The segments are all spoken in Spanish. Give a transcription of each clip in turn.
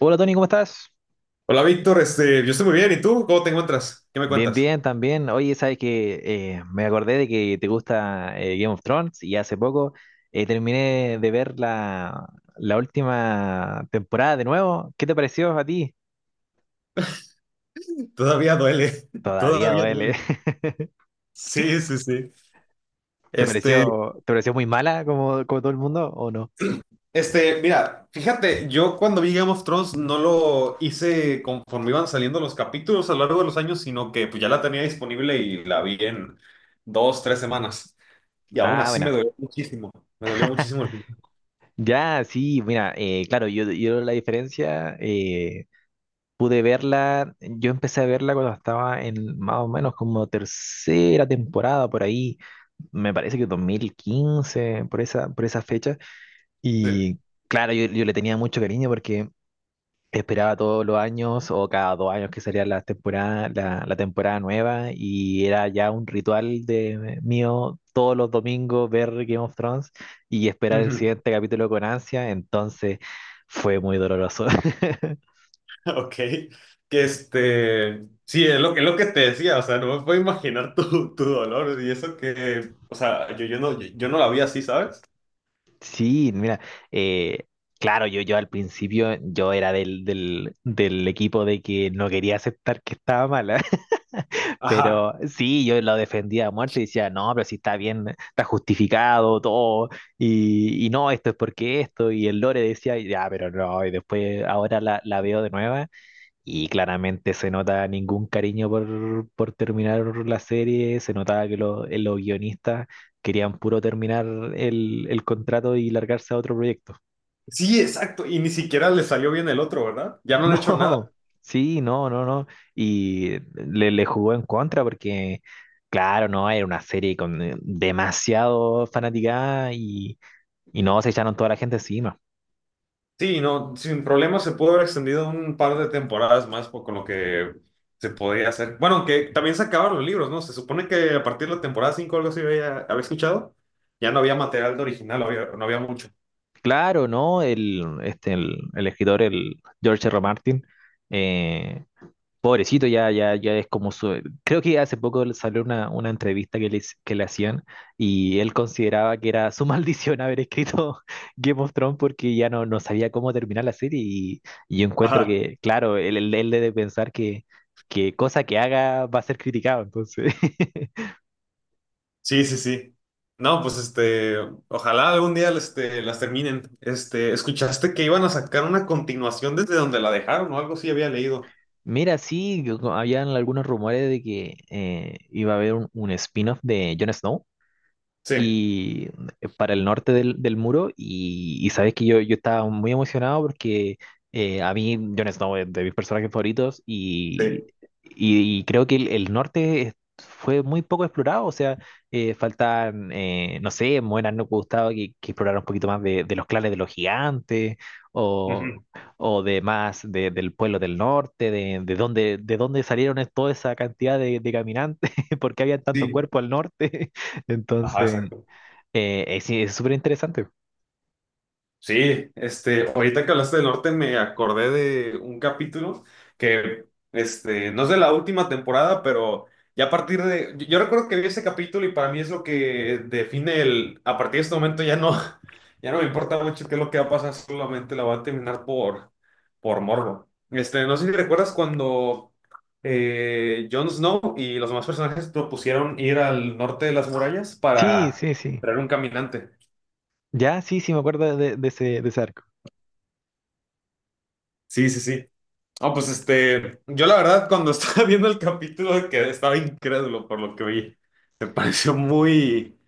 Hola Tony, ¿cómo estás? Hola Víctor, yo estoy muy bien, ¿y tú? ¿Cómo te encuentras? ¿Qué me Bien, cuentas? bien, también. Oye, sabes que me acordé de que te gusta Game of Thrones y hace poco terminé de ver la última temporada de nuevo. ¿Qué te pareció a ti? Todavía duele, Todavía todavía duele. duele. Sí, sí, sí. ¿Te Este, pareció, te pareció muy mala como todo el mundo o no? Mira, fíjate, yo cuando vi Game of Thrones no lo hice conforme iban saliendo los capítulos a lo largo de los años, sino que pues ya la tenía disponible y la vi en dos, tres semanas. Y aún Ah, así bueno. Me dolió muchísimo el final. Ya, sí, mira, claro, yo la diferencia, pude verla, yo empecé a verla cuando estaba en más o menos como tercera temporada por ahí, me parece que 2015, por esa fecha. Sí. Y claro, yo le tenía mucho cariño porque esperaba todos los años o cada dos años que salía la temporada, la temporada nueva y era ya un ritual de mío todos los domingos ver Game of Thrones y esperar el Ujú. siguiente capítulo con ansia, entonces fue muy doloroso. Ok, que sí, es es lo que te decía, o sea, no me puedo imaginar tu dolor y eso que, o sea, yo no la vi así, ¿sabes? Sí, mira, eh, claro, yo al principio yo era del equipo de que no quería aceptar que estaba mala, Ajá, pero sí, yo lo defendía a muerte y decía, no, pero si está bien, está justificado todo, y no, esto es porque esto, y el Lore decía, ya, pero no, y después ahora la veo de nuevo y claramente se nota ningún cariño por terminar la serie, se notaba que los guionistas querían puro terminar el contrato y largarse a otro proyecto. sí, exacto, y ni siquiera le salió bien el otro, ¿verdad? Ya no han hecho nada. No, sí, no, no, no. Y le jugó en contra porque, claro, no, era una serie con demasiado fanaticada y no, se echaron toda la gente encima. Sí, no, sin problema se pudo haber extendido un par de temporadas más por- con lo que se podría hacer. Bueno, aunque también se acabaron los libros, ¿no? Se supone que a partir de la temporada 5 algo así había escuchado, ya no había material de original, había- no había mucho. Claro, no, el escritor, el George R. R. Martin, eh, pobrecito, ya, ya, ya es como su... Creo que hace poco salió una entrevista que que le hacían y él consideraba que era su maldición haber escrito Game of Thrones porque ya no, no sabía cómo terminar la serie y yo encuentro Ajá. que, claro, él debe pensar que cosa que haga va a ser criticado, entonces... Sí, sí, sí. No, pues ojalá algún día las terminen. Este, escuchaste que iban a sacar una continuación desde donde la dejaron o algo así había leído. Mira, sí, habían algunos rumores de que iba a haber un spin-off de Jon Snow. Sí, Y para el norte del muro y sabes que yo estaba muy emocionado porque a mí Jon Snow es de mis personajes favoritos sí. Y creo que el norte es- fue muy poco explorado, o sea, faltan, no sé, me hubiera no gustado que explorara un poquito más de los clanes de los gigantes o, Ujú. o de más de- del pueblo del norte, de dónde salieron es- toda esa cantidad de caminantes, porque había tantos Sí. cuerpos al norte. Ajá, Entonces, exacto. Sí, es súper interesante. Sí, ahorita que hablaste del norte me acordé de un capítulo que, no es de la última temporada, pero ya a partir de, yo recuerdo que vi ese capítulo y para mí es lo que define el, a partir de este momento ya no, ya no me importa mucho qué es lo que va a pasar, solamente la voy a terminar por morbo. Este, no sé si recuerdas cuando Jon Snow y los demás personajes propusieron ir al norte de las murallas Sí, para sí, sí. traer un caminante. Ya, sí, sí, me acuerdo de ese arco. Sí, sí, sí. No, pues yo la verdad cuando estaba viendo el capítulo que estaba incrédulo por lo que vi. Me pareció muy,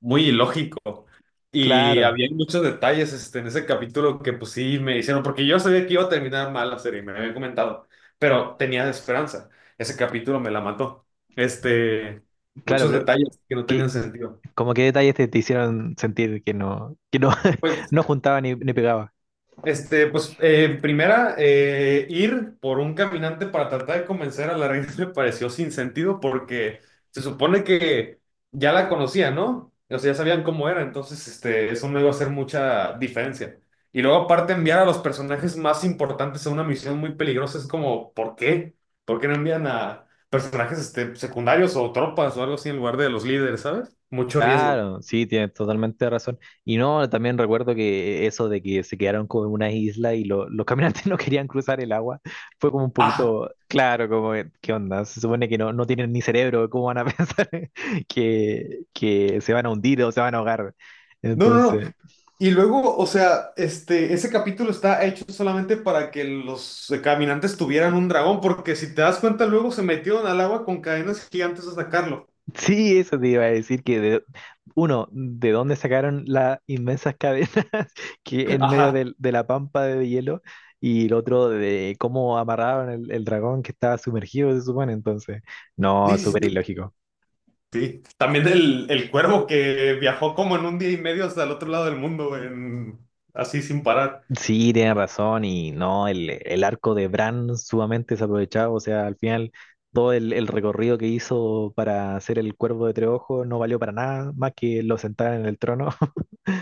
muy ilógico. Y Claro, había muchos detalles en ese capítulo que pues sí me hicieron, porque yo sabía que iba a terminar mal la serie, me habían comentado, pero tenía esperanza. Ese capítulo me la mató. Este, claro, muchos pero detalles que no tenían ¿qué, sentido. como qué detalles te, te hicieron sentir que no, Pues no juntaba ni, ni pegaba? Primera, ir por un caminante para tratar de convencer a la reina me pareció sin sentido porque se supone que ya la conocía, ¿no? O sea, ya sabían cómo era, entonces, eso no iba a hacer mucha diferencia. Y luego, aparte, enviar a los personajes más importantes a una misión muy peligrosa es como, ¿por qué? ¿Por qué no envían a personajes, secundarios o tropas o algo así en lugar de los líderes, ¿sabes? Mucho riesgo. Claro, sí, tienes totalmente razón. Y no, también recuerdo que eso de que se quedaron como en una isla y lo- los caminantes no querían cruzar el agua, fue como un Ah, poquito, claro, como, ¿qué onda? Se supone que no, no tienen ni cerebro, ¿cómo van a pensar que se van a hundir o se van a ahogar? no, no, no. Entonces... Y luego, o sea, ese capítulo está hecho solamente para que los caminantes tuvieran un dragón, porque si te das cuenta, luego se metieron al agua con cadenas gigantes a sacarlo. Sí, eso te iba a decir que de- uno, ¿de dónde sacaron las inmensas cadenas que en medio Ajá. del- de, la pampa de hielo? Y el otro de cómo amarraron el dragón que estaba sumergido, se supone. Entonces, no, Sí, sí, súper sí. ilógico. Sí. También el cuervo que viajó como en un día y medio hasta el otro lado del mundo, en- así sin parar. Sí, tiene razón y no, el arco de Bran sumamente desaprovechado, o sea, al final todo el recorrido que hizo para hacer el cuervo de Treojo no valió para nada, más que lo sentaran en el trono.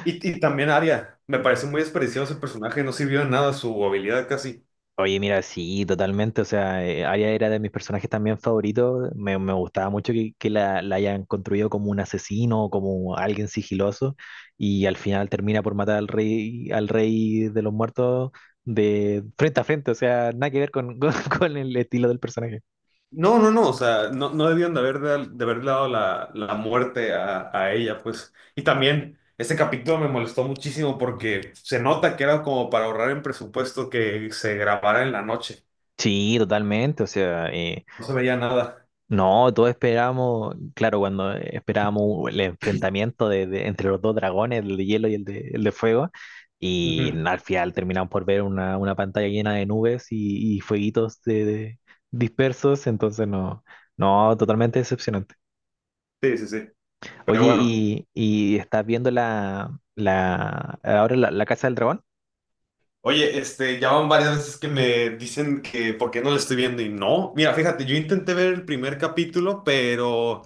Y también Arya. Me parece muy desperdiciado ese personaje, no sirvió de nada su habilidad casi. Oye, mira, sí, totalmente. O sea, Arya era de mis personajes también favoritos. Me gustaba mucho que la hayan construido como un asesino, como alguien sigiloso, y al final termina por matar al rey de los muertos de frente a frente. O sea, nada que ver con, con el estilo del personaje. No, no, no, o sea, no, no debieron de haber dado la muerte a ella, pues. Y también ese capítulo me molestó muchísimo porque se nota que era como para ahorrar en presupuesto que se grabara en la noche. Sí, totalmente. O sea, No se veía nada. no, todos esperábamos, claro, cuando esperábamos el enfrentamiento de- entre los dos dragones, el de hielo y el de fuego, y Ujú. al final terminamos por ver una pantalla llena de nubes y fueguitos de- dispersos, entonces no, no, totalmente decepcionante. Sí, sí, sí. Oye, Pero bueno. Y estás viendo ahora la Casa del Dragón? Oye, ya van varias veces que me dicen que por qué no lo estoy viendo y no. Mira, fíjate, yo intenté ver el primer capítulo, pero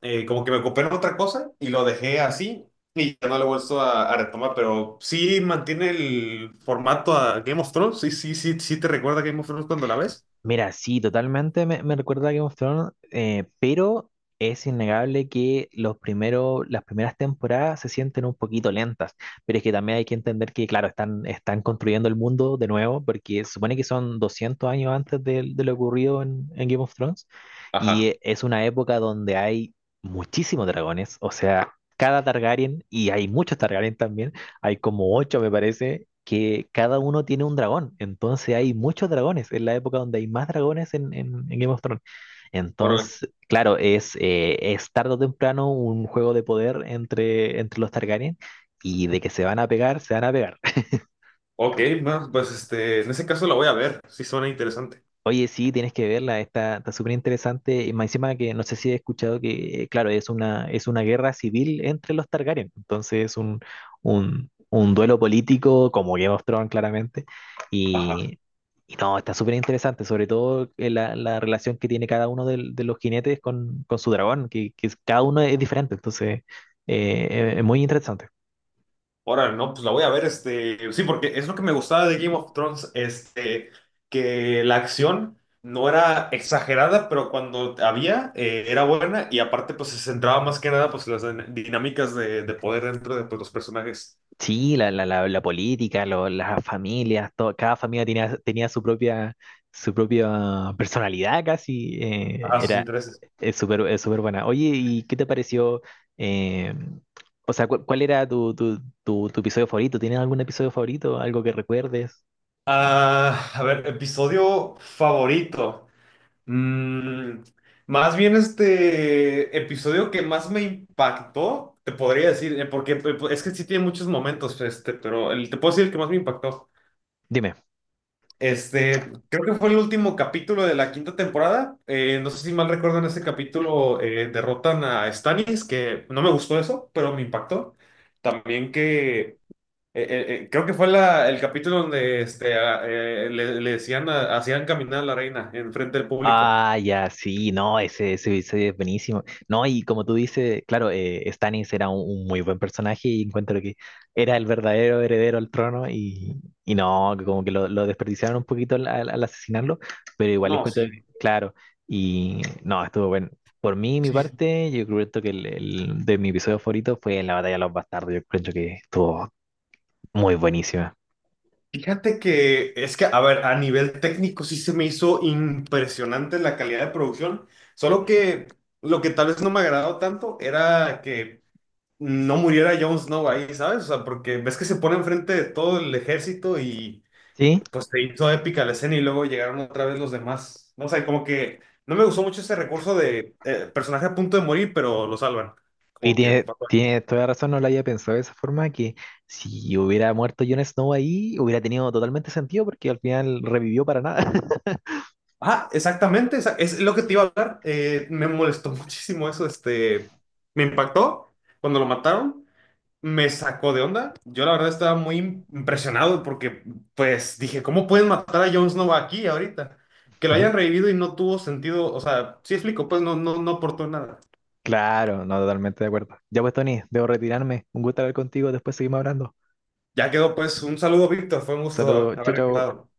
como que me ocupé en otra cosa y lo dejé así y ya no lo he vuelto a retomar, pero sí mantiene el formato a Game of Thrones, sí, sí, sí, sí te recuerda a Game of Thrones cuando la ves. Mira, sí, totalmente me, me recuerda a Game of Thrones, pero es innegable que los primeros, las primeras temporadas se sienten un poquito lentas. Pero es que también hay que entender que, claro, están, están construyendo el mundo de nuevo, porque se supone que son 200 años antes de lo ocurrido en Game of Thrones, y Ajá, es una época donde hay muchísimos dragones, o sea, cada Targaryen, y hay muchos Targaryen también, hay como ocho, me parece, que cada uno tiene un dragón. Entonces hay muchos dragones. Es la época donde hay más dragones en Game of Thrones. órale. Entonces, claro, es tarde o temprano un juego de poder entre, entre los Targaryen y de que se van a pegar, se van a pegar. Ok, bueno, pues en ese caso la voy a ver, sí suena interesante. Oye, sí, tienes que verla, está, está súper interesante. Y más encima que no sé si he escuchado que, claro, es una guerra civil entre los Targaryen. Entonces es un duelo político como Game of Thrones, claramente. Ajá. Y, y no, está súper interesante, sobre todo la relación que tiene cada uno del- de, los jinetes con su dragón, que es- cada uno es diferente. Entonces es muy interesante. Ahora, no, pues la voy a ver, sí, porque es lo que me gustaba de Game of Thrones, que la acción no era exagerada, pero cuando había, era buena y aparte, pues se centraba más que nada, pues las din- dinámicas de poder dentro de pues, los personajes, Sí, la política, lo- las familias, todo, cada familia tenía, tenía su propia personalidad casi, ajá, sus era intereses. Es súper buena. Oye, ¿y qué te pareció? eh, o sea, cu- ¿cuál, era tu episodio favorito? ¿Tienes algún episodio favorito? ¿Algo que recuerdes? Ah, a ver, episodio favorito. Mm, más bien este episodio que más me impactó, te podría decir, porque pues, es que sí tiene muchos momentos, pero el, te puedo decir el que más me impactó. Dime. Creo que fue el último capítulo de la quinta temporada. No sé si mal recuerdo, en ese capítulo derrotan a Stannis, que no me gustó eso, pero me impactó. También que creo que fue la- el capítulo donde a- le, le decían, a- hacían caminar a la reina en frente del público. Ah, ya, sí, no, ese episodio es buenísimo. No, y como tú dices, claro, Stannis era un muy buen personaje y encuentro que era el verdadero heredero al trono y no, que como que lo desperdiciaron un poquito al asesinarlo, pero igual No, encuentro, sí, que- claro, y no, estuvo bueno. Por mí, mi sí. Sí. parte, yo creo que el de mi episodio favorito fue la batalla de los bastardos, yo creo que estuvo muy buenísima. Fíjate que es que, a ver, a nivel técnico sí se me hizo impresionante la calidad de producción, solo que lo que tal vez no me agradó tanto era que no muriera Jon Snow ahí, ¿sabes? O sea, porque ves que se pone enfrente de todo el ejército y ¿Sí? pues se hizo épica la escena y luego llegaron otra vez los demás. No sé, como que no me gustó mucho ese recurso de personaje a punto de morir, pero lo salvan. Y Como que tiene, pasó. tiene toda razón, no lo había pensado de esa forma, que si hubiera muerto Jon Snow ahí, hubiera tenido totalmente sentido porque al final revivió para nada. Ah, exactamente, esa- es lo que te iba a hablar. Me molestó muchísimo eso, me impactó cuando lo mataron. Me sacó de onda. Yo la verdad estaba muy im- impresionado porque pues dije, ¿cómo pueden matar a Jon Snow aquí ahorita? Que lo Ujú. hayan revivido y no tuvo sentido, o sea, sí explico, pues no, no, no aportó nada. Claro, no, totalmente de acuerdo. Ya pues, Tony, debo retirarme. Un gusto hablar contigo, después seguimos hablando. Ya quedó pues un saludo, Víctor, fue un gusto Saludos, chao, haber chao. recordado.